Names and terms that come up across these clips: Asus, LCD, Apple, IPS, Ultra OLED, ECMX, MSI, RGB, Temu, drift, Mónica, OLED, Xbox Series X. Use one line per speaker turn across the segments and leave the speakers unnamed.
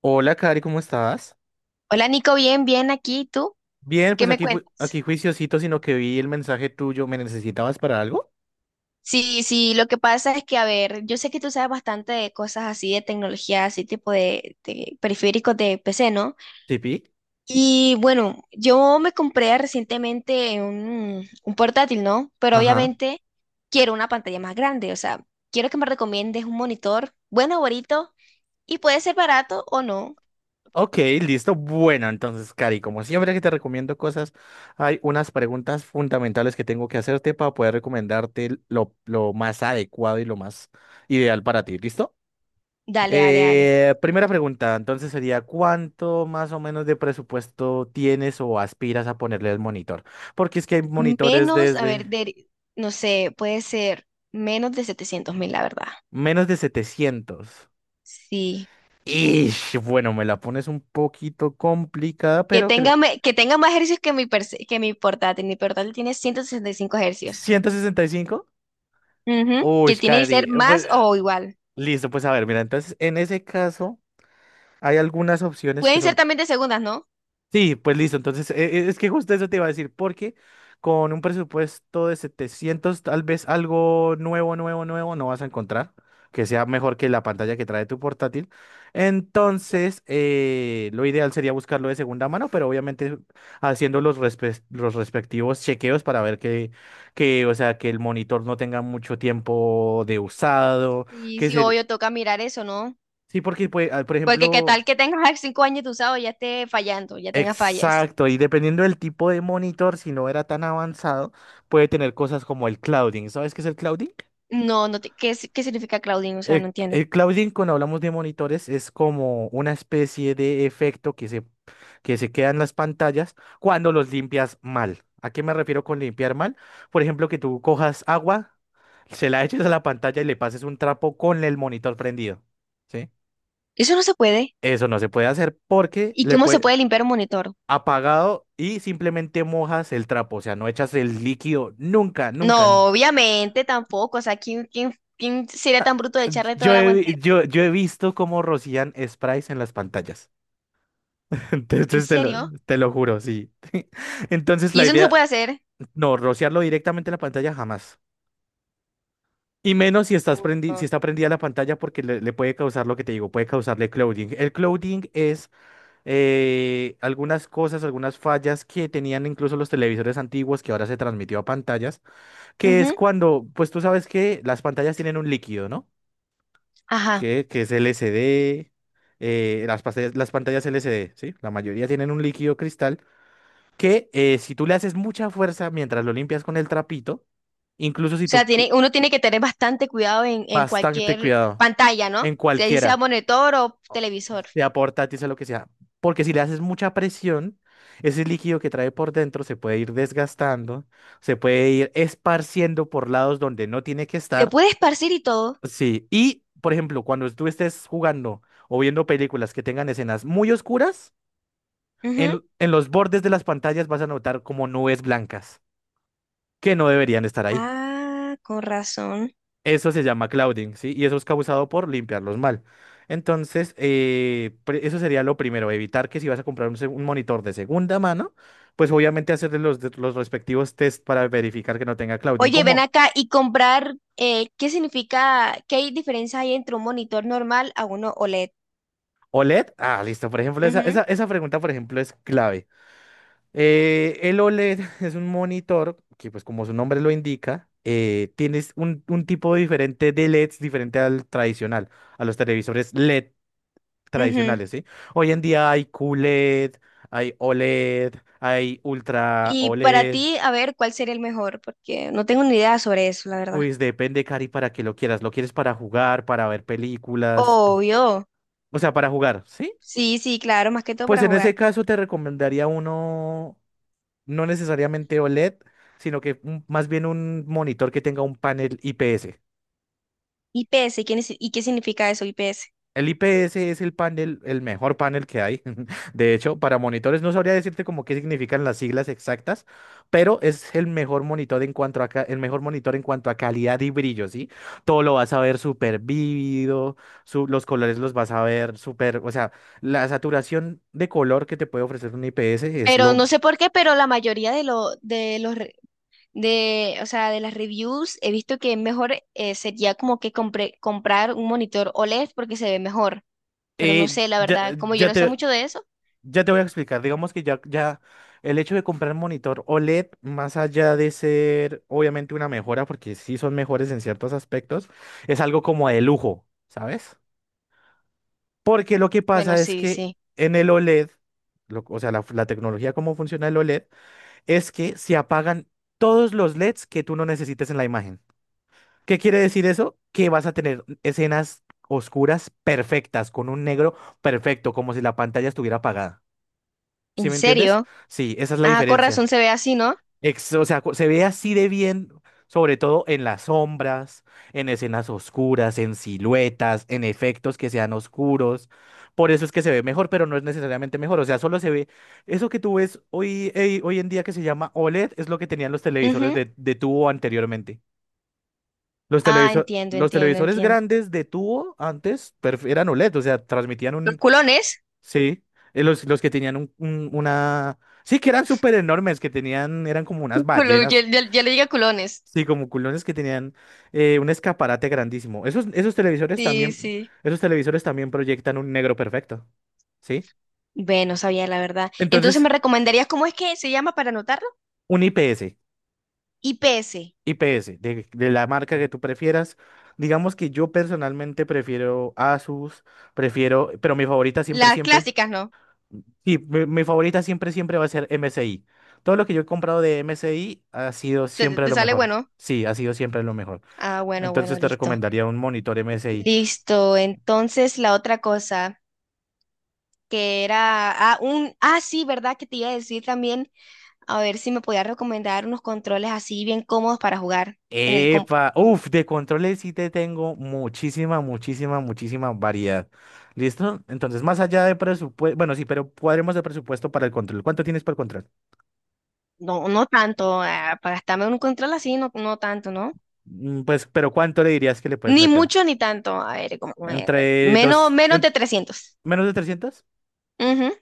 Hola, Cari, ¿cómo estás?
Hola Nico, bien, bien aquí. ¿Y tú
Bien,
qué
pues
me
aquí,
cuentas?
aquí juiciosito, sino que vi el mensaje tuyo. ¿Me necesitabas para algo?
Sí, sí, lo que pasa es que, a ver, yo sé que tú sabes bastante de cosas así de tecnología, así tipo de periféricos de PC, ¿no?
Sí, pi.
Y bueno, yo me compré recientemente un portátil, ¿no? Pero
Ajá.
obviamente quiero una pantalla más grande, o sea, quiero que me recomiendes un monitor bueno, bonito, y puede ser barato o no.
Ok, listo. Bueno, entonces, Cari, como siempre que te recomiendo cosas, hay unas preguntas fundamentales que tengo que hacerte para poder recomendarte lo más adecuado y lo más ideal para ti. ¿Listo?
Dale, dale, dale.
Primera pregunta, entonces sería, ¿cuánto más o menos de presupuesto tienes o aspiras a ponerle al monitor? Porque es que hay monitores
Menos, a ver,
desde
de, no sé, puede ser menos de 700.000, la verdad.
menos de 700.
Sí.
Ish, bueno, me la pones un poquito complicada,
Que
pero
tenga,
creo.
me- que tenga más ejercicios que mi portátil. Mi portátil tiene 165 ejercicios.
¿165?
Ujú,
Uy,
que tiene que ser
Cari. Pues,
más o igual.
listo, pues a ver, mira, entonces en ese caso hay algunas opciones que
Pueden ser
son
también de segundas, ¿no?
sí, pues listo. Entonces, es que justo eso te iba a decir, porque con un presupuesto de 700, tal vez algo nuevo, nuevo, nuevo no vas a encontrar que sea mejor que la pantalla que trae tu portátil. Entonces, lo ideal sería buscarlo de segunda mano, pero obviamente haciendo los respectivos chequeos para ver que, o sea, que el monitor no tenga mucho tiempo de usado,
Y
que
sí,
se...
obvio, toca mirar eso, ¿no?
Sí, porque, pues, por
Porque qué
ejemplo...
tal que tengas 5 años de usado y ya esté fallando, ya tenga fallas.
Exacto, y dependiendo del tipo de monitor, si no era tan avanzado, puede tener cosas como el clouding. ¿Sabes qué es el clouding?
No, ¿qué, si- qué significa Claudine? O sea, no
El,
entiendo.
el clouding, cuando hablamos de monitores, es como una especie de efecto que se queda en las pantallas cuando los limpias mal. ¿A qué me refiero con limpiar mal? Por ejemplo, que tú cojas agua, se la eches a la pantalla y le pases un trapo con el monitor prendido, ¿sí?
Eso no se puede.
Eso no se puede hacer porque
¿Y
le
cómo se
puede,
puede limpiar un monitor?
apagado y simplemente mojas el trapo, o sea, no echas el líquido nunca, nunca.
No, obviamente tampoco. O sea, ¿quién sería tan bruto de echarle todo
Yo
el
he,
aguante?
vi- yo, yo he visto cómo rocían sprays en las pantallas.
¿En
Entonces
serio?
te lo juro, sí. Entonces
¿Y
la
eso no se
idea,
puede hacer?
no, rociarlo directamente en la pantalla jamás. Y menos
Uy,
si está prendida la pantalla porque le puede causar lo que te digo, puede causarle clouding. El clouding es algunas cosas, algunas fallas que tenían incluso los televisores antiguos que ahora se transmitió a pantallas, que es
no.
cuando, pues tú sabes que las pantallas tienen un líquido, ¿no?
Ajá.
Que es LCD, las pantallas LCD, ¿sí? La mayoría tienen un líquido cristal que si tú le haces mucha fuerza mientras lo limpias con el trapito, incluso si
O sea,
tú pu-
uno tiene que tener bastante cuidado en
bastante
cualquier
cuidado
pantalla, ¿no?
en
Si ahí sea
cualquiera,
monitor o televisor.
sea portátil, sea lo que sea, porque si le haces mucha presión, ese líquido que trae por dentro se puede ir desgastando, se puede ir esparciendo por lados donde no tiene que
Se
estar.
puede esparcir y todo.
Sí, y por ejemplo, cuando tú estés jugando o viendo películas que tengan escenas muy oscuras,
Ujú.
en los bordes de las pantallas vas a notar como nubes blancas que no deberían estar ahí.
Ah, con razón.
Eso se llama clouding, ¿sí? Y eso es causado por limpiarlos mal. Entonces, eso sería lo primero, evitar que si vas a comprar un monitor de segunda mano, pues obviamente hacerle los respectivos test para verificar que no tenga clouding,
Oye, ven
como
acá y comprar, ¿Qué diferencia hay entre un monitor normal a uno OLED?
OLED. Ah, listo, por ejemplo,
Ujú,
esa pregunta, por ejemplo, es clave. El OLED es un monitor que, pues como su nombre lo indica, tienes un, tipo diferente de LEDs diferente al tradicional, a los televisores LED
ujú.
tradicionales, ¿sí? Hoy en día hay QLED, hay OLED, hay Ultra
Y para
OLED,
ti, a ver, ¿cuál sería el mejor? Porque no tengo ni idea sobre eso, la verdad.
pues depende, Cari, para que lo quieras. ¿Lo quieres para jugar, para ver películas?
Obvio.
O sea, para jugar, ¿sí?
Sí, sí, claro, más que todo
Pues
para
en ese
jugar.
caso te recomendaría uno no necesariamente OLED, sino que más bien un monitor que tenga un panel IPS.
IPS. ¿Y qué significa eso, IPS?
El IPS es el panel, el mejor panel que hay. De hecho, para monitores no sabría decirte como qué significan las siglas exactas, pero es el mejor monitor en cuanto a ca- el mejor monitor en cuanto a calidad y brillo, ¿sí? Todo lo vas a ver súper vívido, los colores los vas a ver súper, o sea, la saturación de color que te puede ofrecer un IPS es
Pero
lo
no sé por qué, pero la mayoría de lo, de los re- de, o sea, de las reviews he visto que mejor sería como que comprar un monitor OLED porque se ve mejor. Pero no
eh,
sé, la
ya,
verdad, como yo
ya
no sé
te,
mucho de eso.
ya te voy a explicar. Digamos que ya el hecho de comprar monitor OLED, más allá de ser obviamente una mejora, porque sí son mejores en ciertos aspectos, es algo como de lujo, ¿sabes? Porque lo que
Bueno,
pasa es
sí,
que
sí.
en el OLED, o sea, la tecnología cómo funciona el OLED, es que se apagan todos los LEDs que tú no necesites en la imagen. ¿Qué quiere decir eso? Que vas a tener escenas oscuras perfectas, con un negro perfecto, como si la pantalla estuviera apagada. ¿Sí
¿En
me entiendes?
serio?
Sí, esa es la
Ah, con razón
diferencia.
se ve así, ¿no?
O sea, se ve así de bien, sobre todo en las sombras, en escenas oscuras, en siluetas, en efectos que sean oscuros. Por eso es que se ve mejor, pero no es necesariamente mejor. O sea, solo se ve. Eso que tú ves hoy, hoy en día que se llama OLED es lo que tenían los televisores
Ujú.
de tubo anteriormente.
Ah, entiendo,
Los
entiendo,
televisores
entiendo.
grandes de tubo antes eran OLED, o sea,
Los
transmitían
culones.
sí, los que tenían una... Sí, que eran súper enormes, que tenían, eran como unas
Ya,
ballenas,
ya- ya le diga culones.
sí, como culones que tenían un escaparate grandísimo. Esos, esos televisores
Sí,
también,
sí.
esos televisores también proyectan un negro perfecto, ¿sí?
Bueno, sabía la verdad. Entonces,
Entonces,
¿me recomendarías cómo es que se llama para anotarlo?
un IPS,
IPS.
IPS, de la marca que tú prefieras. Digamos que yo personalmente prefiero Asus, prefiero, pero mi favorita siempre,
Las
siempre.
clásicas, ¿no?
Sí, mi favorita siempre, siempre va a ser MSI. Todo lo que yo he comprado de MSI ha sido
te te-
siempre
te
lo
sale
mejor.
bueno?
Sí, ha sido siempre lo mejor.
Ah, bueno, bueno,
Entonces te
listo.
recomendaría un monitor MSI.
Listo. Entonces, la otra cosa que era, sí, ¿verdad? Que te iba a decir también, a ver si me podías recomendar unos controles así bien cómodos para jugar. en el comp-
¡Epa! Uf, de controles sí te tengo muchísima, muchísima, muchísima variedad. ¿Listo? Entonces, más allá de presupuesto, bueno, sí, pero cuadremos el presupuesto para el control. ¿Cuánto tienes para el control?
No, no tanto, para gastarme un control así, no, no tanto, ¿no?
Pues, pero ¿cuánto le dirías que le puedes
Ni
meter?
mucho ni tanto. A ver, como,
¿Entre
menos,
dos,
menos
en-
de 300.
Menos de 300?
Ujú.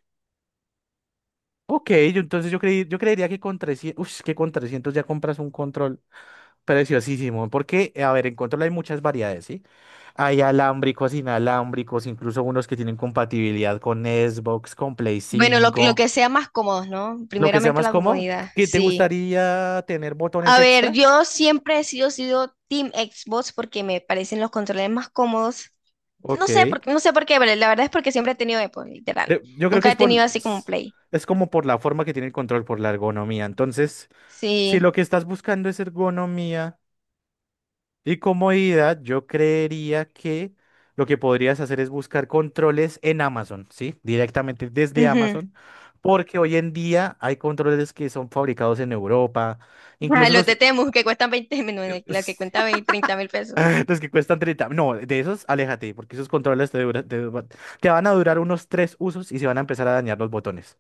Ok, entonces yo creería que con 300 uff, que con 300 ya compras un control preciosísimo, porque, a ver, en control hay muchas variedades, ¿sí? Hay alámbricos, inalámbricos, incluso unos que tienen compatibilidad con Xbox, con Play
Bueno, lo
5,
que sea más cómodos, ¿no?
lo que sea
Primeramente
más
la
cómodo.
comodidad,
¿Qué te
sí.
gustaría tener botones
A ver,
extra?
yo siempre he sido Team Xbox porque me parecen los controles más cómodos.
Ok.
No sé por qué, pero la verdad es porque siempre he tenido Apple, literal.
Yo creo que
Nunca
es
he tenido así como un Play.
es como por la forma que tiene el control, por la ergonomía. Entonces, si
Sí.
lo que estás buscando es ergonomía... Y comodidad, yo creería que lo que podrías hacer es buscar controles en Amazon, ¿sí? Directamente desde
Ujú.
Amazon, porque hoy en día hay controles que son fabricados en Europa,
Ah,
incluso
los de Temu que cuestan 20, mil, bueno, la que cuenta veinte, 30.000 pesos.
los que cuestan 30. No, de esos, aléjate, porque esos controles te van a durar unos tres usos y se van a empezar a dañar los botones.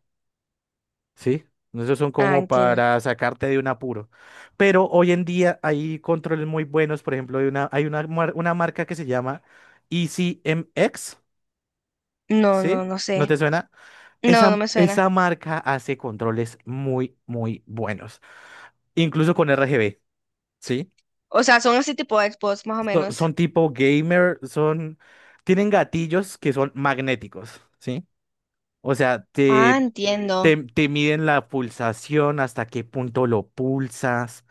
Sí, esos son
Ah,
como
entiendo.
para sacarte de un apuro. Pero hoy en día hay controles muy buenos, por ejemplo, hay una marca que se llama ECMX,
No, no,
¿sí?
no
¿No
sé.
te suena?
No, no me suena.
Esa marca hace controles muy, muy buenos, incluso con RGB, ¿sí?
O sea, son así tipo Xbox, más o menos.
Son tipo gamer, tienen gatillos que son magnéticos, ¿sí? O sea,
Ah,
te,
entiendo.
Te, te miden la pulsación, hasta qué punto lo pulsas,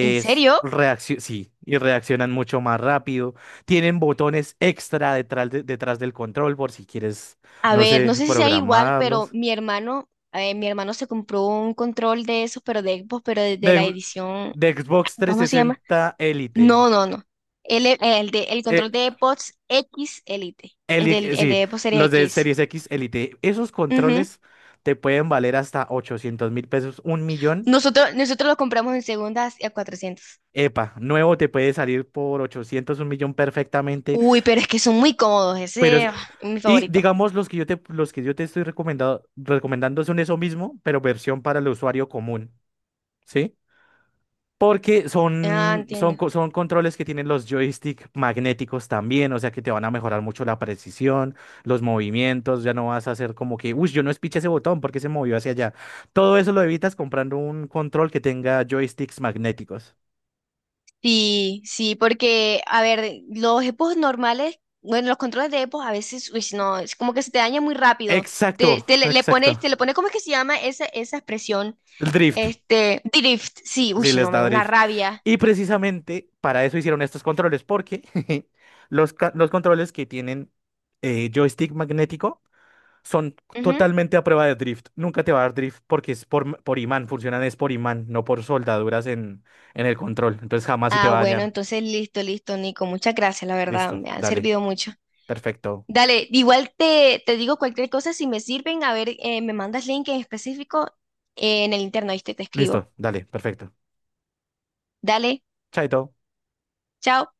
¿En serio?
sí, y reaccionan mucho más rápido. Tienen botones extra detrás, detrás del control por si quieres,
A
no
ver,
sé,
no sé si sea igual, pero
programarlos.
mi hermano se compró un control de esos, pero de Xbox, pero de
De,
la edición,
de Xbox
¿cómo se llama?
360 Elite.
No, no, no. El
eh,
control de Xbox X Elite, el
Sí,
de Xbox Series
los de
X.
Series X Elite. Esos
Ujú.
controles te pueden valer hasta 800.000 pesos, un millón.
Nosotros lo compramos en segundas a 400.
Epa, nuevo te puede salir por 800 un millón perfectamente.
Uy, pero es que son muy cómodos,
Pero,
ese es mi
y
favorito.
digamos, los que yo te estoy recomendando son eso mismo, pero versión para el usuario común, ¿sí? Porque
Ah, entiendo.
son controles que tienen los joystick magnéticos también, o sea que te van a mejorar mucho la precisión, los movimientos, ya no vas a hacer como que, uy, yo no espiché ese botón porque se movió hacia allá. Todo eso lo evitas comprando un control que tenga joysticks magnéticos.
Sí, sí, porque, a ver, los EPOs normales, bueno, los controles de EPOs a veces, uy, no, es como que se te daña muy rápido. Te,
Exacto,
te le, le pone,
exacto.
te le pone, ¿cómo es que se llama esa expresión?
El drift.
Drift, sí, uy,
Sí, les
no, me
da
da una
drift.
rabia.
Y precisamente para eso hicieron estos controles, porque los controles que tienen joystick magnético son
Ujú.
totalmente a prueba de drift. Nunca te va a dar drift porque por imán, funcionan es por imán, no por soldaduras en el control. Entonces jamás se te
Ah,
va a
bueno,
dañar.
entonces listo, listo, Nico, muchas gracias, la verdad,
Listo,
me han
dale,
servido mucho.
perfecto.
Dale, igual te digo cualquier cosa, si me sirven, a ver, me mandas link en específico en el interno, ¿viste? Te escribo.
Listo, dale, perfecto.
Dale,
Chaito.
chao.